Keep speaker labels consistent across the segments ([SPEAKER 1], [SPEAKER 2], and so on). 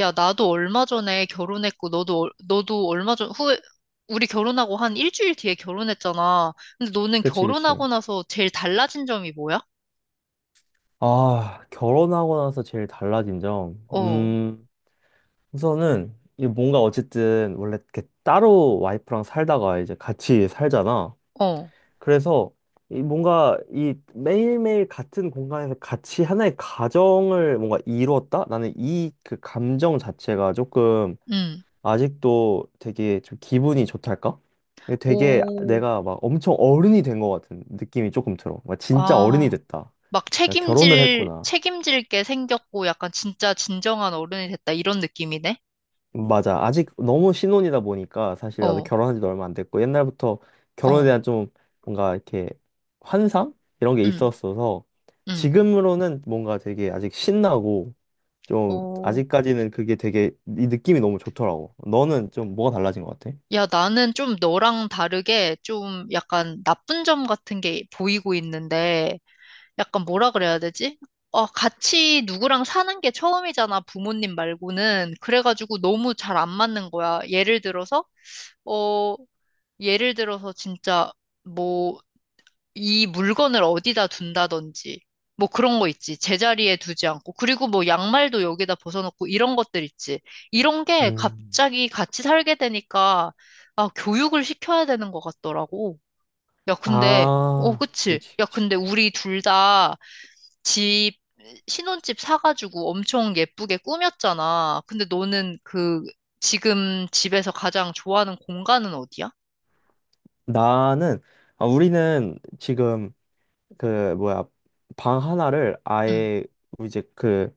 [SPEAKER 1] 야, 나도 얼마 전에 결혼했고, 너도, 너도 얼마 전, 후에, 우리 결혼하고 한 일주일 뒤에 결혼했잖아. 근데 너는
[SPEAKER 2] 그치, 그치.
[SPEAKER 1] 결혼하고 나서 제일 달라진 점이 뭐야?
[SPEAKER 2] 아, 결혼하고 나서 제일 달라진 점.
[SPEAKER 1] 어,
[SPEAKER 2] 우선은, 이 뭔가 어쨌든, 원래 이렇게 따로 와이프랑 살다가 이제 같이 살잖아.
[SPEAKER 1] 어,
[SPEAKER 2] 그래서, 이 뭔가, 이 매일매일 같은 공간에서 같이 하나의 가정을 뭔가 이뤘다? 나는 이 그 감정 자체가 조금,
[SPEAKER 1] 응.
[SPEAKER 2] 아직도 되게 좀 기분이 좋달까? 이게 되게
[SPEAKER 1] 오,
[SPEAKER 2] 내가 막 엄청 어른이 된 것 같은 느낌이 조금 들어. 막 진짜 어른이
[SPEAKER 1] 아,
[SPEAKER 2] 됐다.
[SPEAKER 1] 막
[SPEAKER 2] 내가 결혼을
[SPEAKER 1] 책임질,
[SPEAKER 2] 했구나.
[SPEAKER 1] 책임질 게 생겼고, 약간 진짜 진정한 어른이 됐다, 이런 느낌이네?
[SPEAKER 2] 맞아. 아직 너무 신혼이다 보니까 사실 나도
[SPEAKER 1] 어,
[SPEAKER 2] 결혼한 지도 얼마 안 됐고 옛날부터 결혼에
[SPEAKER 1] 어,
[SPEAKER 2] 대한 좀 뭔가 이렇게 환상? 이런 게
[SPEAKER 1] 응,
[SPEAKER 2] 있었어서
[SPEAKER 1] 응.
[SPEAKER 2] 지금으로는 뭔가 되게 아직 신나고 좀
[SPEAKER 1] 오.
[SPEAKER 2] 아직까지는 그게 되게 이 느낌이 너무 좋더라고. 너는 좀 뭐가 달라진 것 같아?
[SPEAKER 1] 야, 나는 좀 너랑 다르게 좀 약간 나쁜 점 같은 게 보이고 있는데, 약간 뭐라 그래야 되지? 어, 같이 누구랑 사는 게 처음이잖아, 부모님 말고는. 그래가지고 너무 잘 안 맞는 거야. 예를 들어서, 어, 예를 들어서 진짜 뭐, 이 물건을 어디다 둔다든지, 뭐 그런 거 있지. 제자리에 두지 않고. 그리고 뭐 양말도 여기다 벗어놓고 이런 것들 있지. 이런 게
[SPEAKER 2] 음.
[SPEAKER 1] 갑자기 같이 살게 되니까, 아, 교육을 시켜야 되는 것 같더라고. 야, 근데, 어,
[SPEAKER 2] 아,
[SPEAKER 1] 그치.
[SPEAKER 2] 그렇지,
[SPEAKER 1] 야,
[SPEAKER 2] 그렇지.
[SPEAKER 1] 근데 우리 둘 다, 집, 신혼집 사가지고 엄청 예쁘게 꾸몄잖아. 근데 너는 그, 지금 집에서 가장 좋아하는 공간은 어디야?
[SPEAKER 2] 나는 아, 우리는 지금 그 뭐야 방 하나를
[SPEAKER 1] 응.
[SPEAKER 2] 아예 이제 그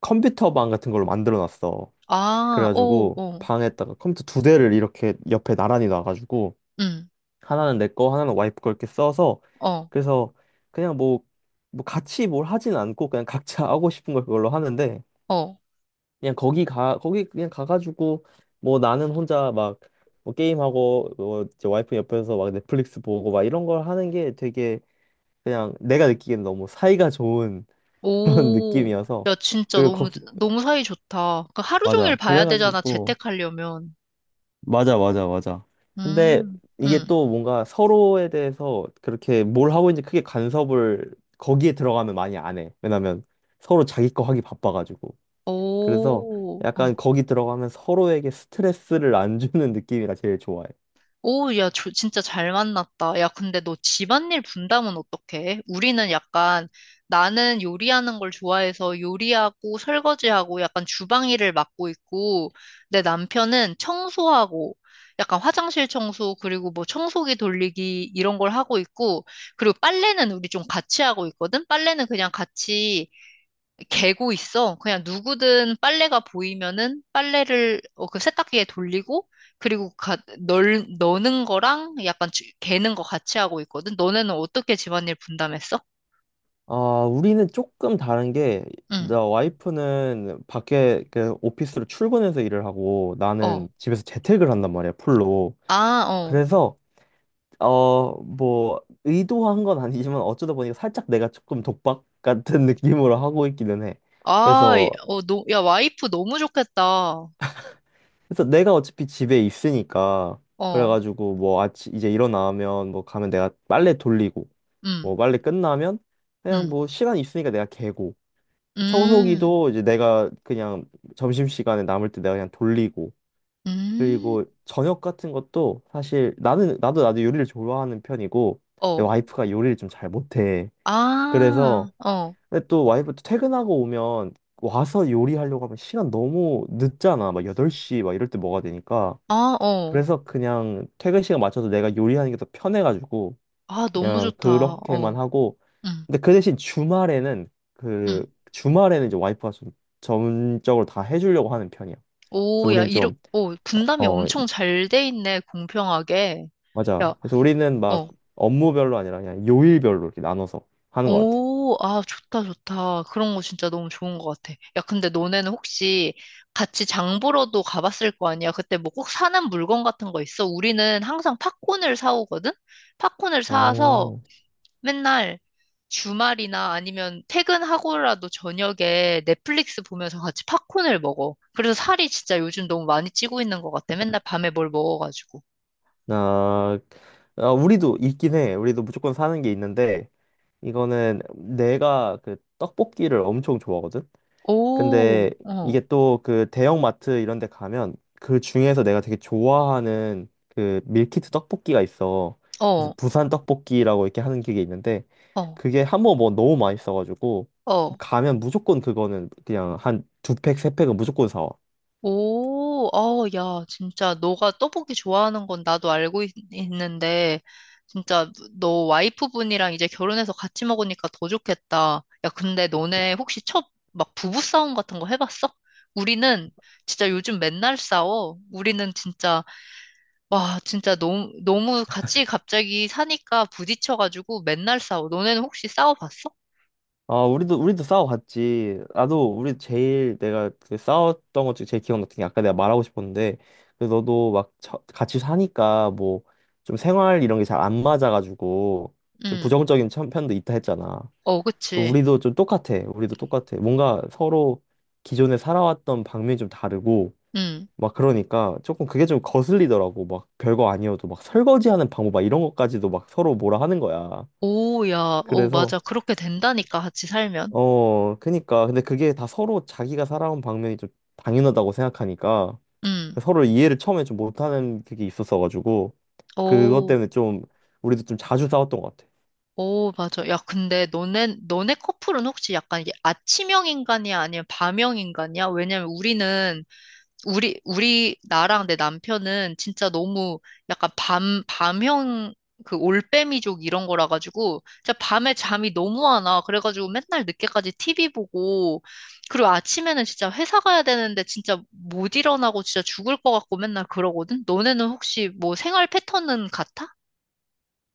[SPEAKER 2] 컴퓨터 방 같은 걸로 만들어 놨어.
[SPEAKER 1] 아, 오,
[SPEAKER 2] 그래가지고
[SPEAKER 1] 오,
[SPEAKER 2] 방에다가 컴퓨터 두 대를 이렇게 옆에 나란히 놔가지고
[SPEAKER 1] 응,
[SPEAKER 2] 하나는 내 거, 하나는 와이프 거 이렇게 써서
[SPEAKER 1] 어,
[SPEAKER 2] 그래서 그냥 뭐, 뭐 같이 뭘 하진 않고 그냥 각자 하고 싶은 걸 그걸로 하는데
[SPEAKER 1] 어.
[SPEAKER 2] 그냥 거기 가 거기 그냥 가가지고 뭐 나는 혼자 막 뭐 게임하고 뭐 이제 와이프 옆에서 막 넷플릭스 보고 막 이런 걸 하는 게 되게 그냥 내가 느끼기엔 너무 사이가 좋은 그런
[SPEAKER 1] 오,
[SPEAKER 2] 느낌이어서
[SPEAKER 1] 야, 진짜
[SPEAKER 2] 그리고
[SPEAKER 1] 너무,
[SPEAKER 2] 거기 어,
[SPEAKER 1] 너무 사이 좋다. 그 하루 종일
[SPEAKER 2] 맞아
[SPEAKER 1] 봐야 되잖아,
[SPEAKER 2] 그래가지고
[SPEAKER 1] 재택하려면.
[SPEAKER 2] 맞아, 맞아, 맞아. 근데
[SPEAKER 1] 음,
[SPEAKER 2] 이게
[SPEAKER 1] 응,
[SPEAKER 2] 또 뭔가 서로에 대해서 그렇게 뭘 하고 있는지 크게 간섭을 거기에 들어가면 많이 안 해. 왜냐면 서로 자기 거 하기 바빠가지고. 그래서
[SPEAKER 1] 오,
[SPEAKER 2] 약간
[SPEAKER 1] 어.
[SPEAKER 2] 거기 들어가면 서로에게 스트레스를 안 주는 느낌이라 제일 좋아해.
[SPEAKER 1] 오, 야, 저 진짜 잘 만났다. 야, 근데 너 집안일 분담은 어떡해? 우리는 약간 나는 요리하는 걸 좋아해서 요리하고 설거지하고 약간 주방 일을 맡고 있고 내 남편은 청소하고 약간 화장실 청소 그리고 뭐 청소기 돌리기 이런 걸 하고 있고 그리고 빨래는 우리 좀 같이 하고 있거든? 빨래는 그냥 같이 개고 있어. 그냥 누구든 빨래가 보이면은 빨래를 어, 그 세탁기에 돌리고 그리고 넣는 거랑 약간 개는 거 같이 하고 있거든. 너네는 어떻게 집안일 분담했어?
[SPEAKER 2] 아, 우리는 조금 다른 게,
[SPEAKER 1] 응.
[SPEAKER 2] 나 와이프는 밖에 그 오피스로 출근해서 일을 하고
[SPEAKER 1] 어.
[SPEAKER 2] 나는 집에서 재택을 한단 말이야, 풀로.
[SPEAKER 1] 아, 어.
[SPEAKER 2] 그래서 뭐, 의도한 건 아니지만 어쩌다 보니까 살짝 내가 조금 독박 같은 느낌으로 하고 있기는 해.
[SPEAKER 1] 아,
[SPEAKER 2] 그래서,
[SPEAKER 1] 어, 야, 와이프 너무 좋겠다.
[SPEAKER 2] 그래서 내가 어차피 집에 있으니까,
[SPEAKER 1] 어.
[SPEAKER 2] 그래가지고 뭐 아침 이제 일어나면 뭐 가면 내가 빨래 돌리고,
[SPEAKER 1] 응
[SPEAKER 2] 뭐 빨래 끝나면 그냥
[SPEAKER 1] 응
[SPEAKER 2] 뭐 시간 있으니까 내가 개고,
[SPEAKER 1] 음.
[SPEAKER 2] 청소기도 이제 내가 그냥 점심시간에 남을 때 내가 그냥 돌리고,
[SPEAKER 1] 음.
[SPEAKER 2] 그리고 저녁 같은 것도 사실 나는, 나도 요리를 좋아하는 편이고, 내
[SPEAKER 1] 어.
[SPEAKER 2] 와이프가 요리를 좀 잘 못해.
[SPEAKER 1] 아.
[SPEAKER 2] 그래서
[SPEAKER 1] 어.
[SPEAKER 2] 근데 또 와이프도 퇴근하고 오면 와서 요리하려고 하면 시간 너무 늦잖아. 막 8시 막 이럴 때 뭐가 되니까.
[SPEAKER 1] 아, 어.
[SPEAKER 2] 그래서 그냥 퇴근 시간 맞춰서 내가 요리하는 게 더 편해가지고
[SPEAKER 1] 아, 너무
[SPEAKER 2] 그냥
[SPEAKER 1] 좋다.
[SPEAKER 2] 그렇게만
[SPEAKER 1] 어.
[SPEAKER 2] 하고.
[SPEAKER 1] 응
[SPEAKER 2] 근데 그 대신 주말에는
[SPEAKER 1] 응
[SPEAKER 2] 이제 와이프가 좀 전적으로 다 해주려고 하는 편이야. 그래서
[SPEAKER 1] 오, 야,
[SPEAKER 2] 우리는 좀,
[SPEAKER 1] 오, 분담이
[SPEAKER 2] 어,
[SPEAKER 1] 엄청 잘 돼 있네, 공평하게.
[SPEAKER 2] 맞아.
[SPEAKER 1] 야,
[SPEAKER 2] 그래서 우리는 막
[SPEAKER 1] 어,
[SPEAKER 2] 업무별로 아니라 그냥 요일별로 이렇게 나눠서 하는 것 같아.
[SPEAKER 1] 오, 아, 좋다, 좋다. 그런 거 진짜 너무 좋은 것 같아. 야, 근데 너네는 혹시 같이 장 보러도 가봤을 거 아니야? 그때 뭐 꼭 사는 물건 같은 거 있어? 우리는 항상 팝콘을 사오거든? 팝콘을 사와서
[SPEAKER 2] 어.
[SPEAKER 1] 맨날 주말이나 아니면 퇴근하고라도 저녁에 넷플릭스 보면서 같이 팝콘을 먹어. 그래서 살이 진짜 요즘 너무 많이 찌고 있는 것 같아. 맨날 밤에 뭘 먹어가지고.
[SPEAKER 2] 아, 아, 우리도 있긴 해. 우리도 무조건 사는 게 있는데, 이거는 내가 그 떡볶이를 엄청 좋아하거든? 근데
[SPEAKER 1] 오,
[SPEAKER 2] 이게
[SPEAKER 1] 어,
[SPEAKER 2] 또 그 대형마트 이런 데 가면 그 중에서 내가 되게 좋아하는 그 밀키트 떡볶이가 있어. 그래서
[SPEAKER 1] 어,
[SPEAKER 2] 부산 떡볶이라고 이렇게 하는 게 있는데,
[SPEAKER 1] 어,
[SPEAKER 2] 그게 한번 뭐 너무 맛있어가지고,
[SPEAKER 1] 어.
[SPEAKER 2] 가면 무조건 그거는 그냥 한 두 팩, 세 팩은 무조건 사와.
[SPEAKER 1] 오, 어, 야, 진짜 너가 떡볶이 좋아하는 건 나도 알고 있, 는데 진짜 너 와이프분이랑 이제 결혼해서 같이 먹으니까 더 좋겠다. 야, 근데 너네 혹시 첫 막 부부싸움 같은 거 해봤어? 우리는 진짜 요즘 맨날 싸워. 우리는 진짜, 와, 진짜 너무, 너무 같이 갑자기 사니까 부딪혀가지고 맨날 싸워. 너네는 혹시 싸워봤어?
[SPEAKER 2] 아, 우리도 싸워봤지. 나도, 우리 제일 내가 그 싸웠던 것 중에 제일 기억났던 게 아까 내가 말하고 싶었는데, 그 너도 막 같이 사니까 뭐 좀 생활 이런 게 잘 안 맞아가지고 좀
[SPEAKER 1] 응,
[SPEAKER 2] 부정적인 편도 있다 했잖아.
[SPEAKER 1] 어,
[SPEAKER 2] 그
[SPEAKER 1] 그치.
[SPEAKER 2] 우리도 좀 똑같아. 우리도 똑같아. 뭔가 서로 기존에 살아왔던 방면이 좀 다르고,
[SPEAKER 1] 응.
[SPEAKER 2] 막 그러니까 조금 그게 좀 거슬리더라고. 막 별거 아니어도 막 설거지하는 방법 막 이런 것까지도 막 서로 뭐라 하는 거야.
[SPEAKER 1] 오, 야, 오,
[SPEAKER 2] 그래서
[SPEAKER 1] 맞아. 그렇게 된다니까, 같이 살면.
[SPEAKER 2] 어, 그니까. 근데 그게 다 서로 자기가 살아온 방면이 좀 당연하다고 생각하니까
[SPEAKER 1] 음,
[SPEAKER 2] 서로 이해를 처음에 좀 못하는 그게 있었어가지고 그것
[SPEAKER 1] 오,
[SPEAKER 2] 때문에 좀 우리도 좀 자주 싸웠던 것 같아.
[SPEAKER 1] 오, 맞아. 야, 근데 너네 커플은 혹시 약간 이게 아침형 인간이야? 아니면 밤형 인간이야? 왜냐면 우리, 나랑 내 남편은 진짜 너무 약간 밤형, 그 올빼미족 이런 거라 가지고, 진짜 밤에 잠이 너무 안 와. 그래가지고 맨날 늦게까지 TV 보고, 그리고 아침에는 진짜 회사 가야 되는데 진짜 못 일어나고 진짜 죽을 것 같고 맨날 그러거든? 너네는 혹시 뭐 생활 패턴은 같아?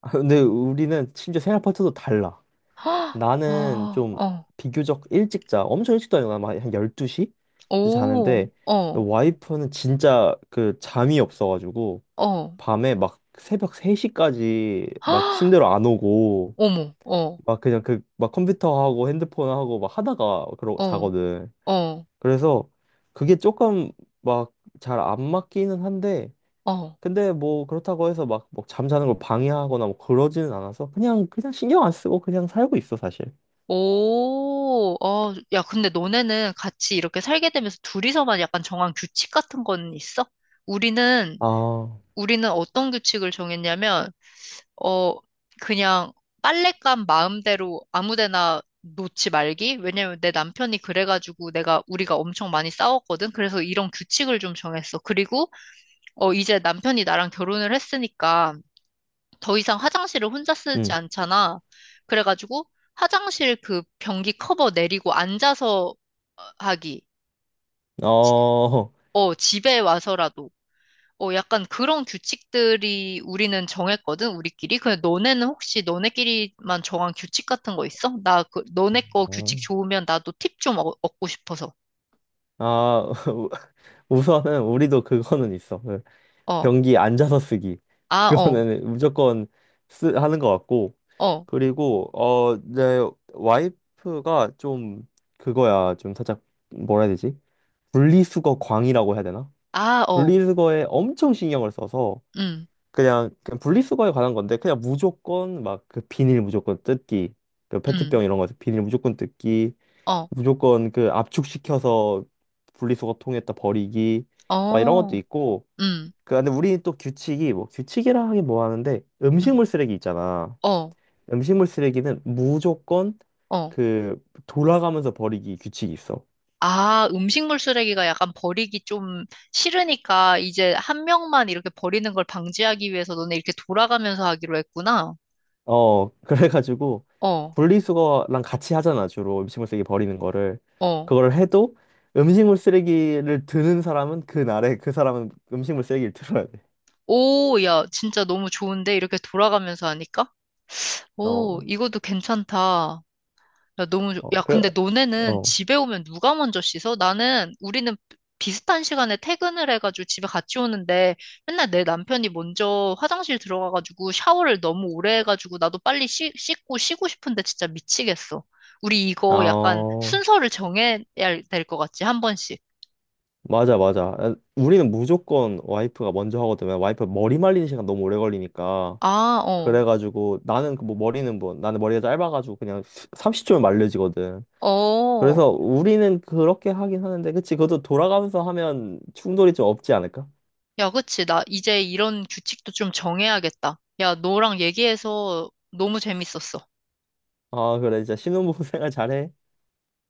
[SPEAKER 2] 아, 근데 우리는 심지어 생활 패턴도 달라.
[SPEAKER 1] 헉, 어,
[SPEAKER 2] 나는 좀
[SPEAKER 1] 어,
[SPEAKER 2] 비교적 일찍 자. 엄청 일찍 자요. 아한 12시?
[SPEAKER 1] 오,
[SPEAKER 2] 자는데
[SPEAKER 1] 어,
[SPEAKER 2] 와이프는 진짜 그 잠이 없어가지고
[SPEAKER 1] 어,
[SPEAKER 2] 밤에 막 새벽 3시까지 막
[SPEAKER 1] 헉,
[SPEAKER 2] 침대로 안 오고
[SPEAKER 1] 어머, 어,
[SPEAKER 2] 막 그냥 그 막 컴퓨터하고 핸드폰하고 막 하다가 그러
[SPEAKER 1] 어,
[SPEAKER 2] 자거든.
[SPEAKER 1] 어,
[SPEAKER 2] 그래서 그게 조금 막 잘 안 맞기는 한데
[SPEAKER 1] 어.
[SPEAKER 2] 근데 뭐 그렇다고 해서 막 뭐 잠자는 걸 방해하거나 뭐 그러지는 않아서 그냥 신경 안 쓰고 그냥 살고 있어 사실.
[SPEAKER 1] 오, 어, 야, 근데 너네는 같이 이렇게 살게 되면서 둘이서만 약간 정한 규칙 같은 건 있어? 우리는,
[SPEAKER 2] 아,
[SPEAKER 1] 우리는 어떤 규칙을 정했냐면, 어, 그냥 빨랫감 마음대로 아무 데나 놓지 말기? 왜냐면 내 남편이 그래가지고 내가, 우리가 엄청 많이 싸웠거든? 그래서 이런 규칙을 좀 정했어. 그리고, 어, 이제 남편이 나랑 결혼을 했으니까, 더 이상 화장실을 혼자 쓰지
[SPEAKER 2] 응.
[SPEAKER 1] 않잖아. 그래가지고 화장실 그 변기 커버 내리고 앉아서 어, 하기.
[SPEAKER 2] 어.
[SPEAKER 1] 어, 집에 와서라도. 어, 약간 그런 규칙들이 우리는 정했거든, 우리끼리. 근데 너네는 혹시 너네끼리만 정한 규칙 같은 거 있어? 나 그, 너네 거
[SPEAKER 2] 아,
[SPEAKER 1] 규칙 좋으면 나도 팁 좀 얻고 싶어서.
[SPEAKER 2] 아, 우선은 우리도 그거는 있어. 응.
[SPEAKER 1] 어,
[SPEAKER 2] 변기 앉아서 쓰기
[SPEAKER 1] 아, 어,
[SPEAKER 2] 그거는 무조건 쓰 하는 것 같고
[SPEAKER 1] 어,
[SPEAKER 2] 그리고 어 내 와이프가 좀 그거야 좀 살짝 뭐라 해야 되지 분리수거 광이라고 해야 되나
[SPEAKER 1] 아, 어,
[SPEAKER 2] 분리수거에 엄청 신경을 써서
[SPEAKER 1] 음,
[SPEAKER 2] 그냥 분리수거에 관한 건데 그냥 무조건 막 그 비닐 무조건 뜯기 그
[SPEAKER 1] 음,
[SPEAKER 2] 페트병 이런 거 비닐 무조건 뜯기
[SPEAKER 1] 어,
[SPEAKER 2] 무조건 그 압축시켜서 분리수거통에다 버리기 막 이런 것도
[SPEAKER 1] 어,
[SPEAKER 2] 있고
[SPEAKER 1] 음,
[SPEAKER 2] 그 근데 우리는 또 규칙이 뭐 규칙이라 하긴 뭐 하는데
[SPEAKER 1] 음,
[SPEAKER 2] 음식물 쓰레기 있잖아.
[SPEAKER 1] 어,
[SPEAKER 2] 음식물 쓰레기는 무조건
[SPEAKER 1] 어.
[SPEAKER 2] 그 돌아가면서 버리기 규칙이 있어.
[SPEAKER 1] 아, 음식물 쓰레기가 약간 버리기 좀 싫으니까 이제 한 명만 이렇게 버리는 걸 방지하기 위해서 너네 이렇게 돌아가면서 하기로 했구나.
[SPEAKER 2] 어 그래가지고
[SPEAKER 1] 어,
[SPEAKER 2] 분리수거랑 같이 하잖아 주로 음식물 쓰레기 버리는 거를
[SPEAKER 1] 어.
[SPEAKER 2] 그거를 해도 음식물 쓰레기를 드는 사람은 그 날에 그 사람은 음식물 쓰레기를 들어야 돼.
[SPEAKER 1] 오, 야, 진짜 너무 좋은데? 이렇게 돌아가면서 하니까? 오,
[SPEAKER 2] 어,
[SPEAKER 1] 이것도 괜찮다. 야, 너무,
[SPEAKER 2] 어,
[SPEAKER 1] 야,
[SPEAKER 2] 그래,
[SPEAKER 1] 근데 너네는
[SPEAKER 2] 어,
[SPEAKER 1] 집에 오면 누가 먼저 씻어? 나는, 우리는 비슷한 시간에 퇴근을 해가지고 집에 같이 오는데 맨날 내 남편이 먼저 화장실 들어가가지고 샤워를 너무 오래 해가지고 나도 빨리 씻고 쉬고 싶은데 진짜 미치겠어. 우리
[SPEAKER 2] 아,
[SPEAKER 1] 이거 약간
[SPEAKER 2] 어.
[SPEAKER 1] 순서를 정해야 될 것 같지, 한 번씩.
[SPEAKER 2] 맞아, 맞아. 아, 우리는 무조건 와이프가 먼저 하거든. 요 와이프 머리 말리는 시간 너무 오래 걸리니까.
[SPEAKER 1] 아, 어,
[SPEAKER 2] 그래가지고 나는 그뭐 머리는 뭐 나는 머리가 짧아가지고 그냥 30초면 말려지거든.
[SPEAKER 1] 어.
[SPEAKER 2] 그래서 우리는 그렇게 하긴 하는데, 그치? 그것도 돌아가면서 하면 충돌이 좀 없지 않을까?
[SPEAKER 1] 야, 그치. 나 이제 이런 규칙도 좀 정해야겠다. 야, 너랑 얘기해서 너무 재밌었어.
[SPEAKER 2] 아, 그래. 진짜 신혼부부 생활 잘해.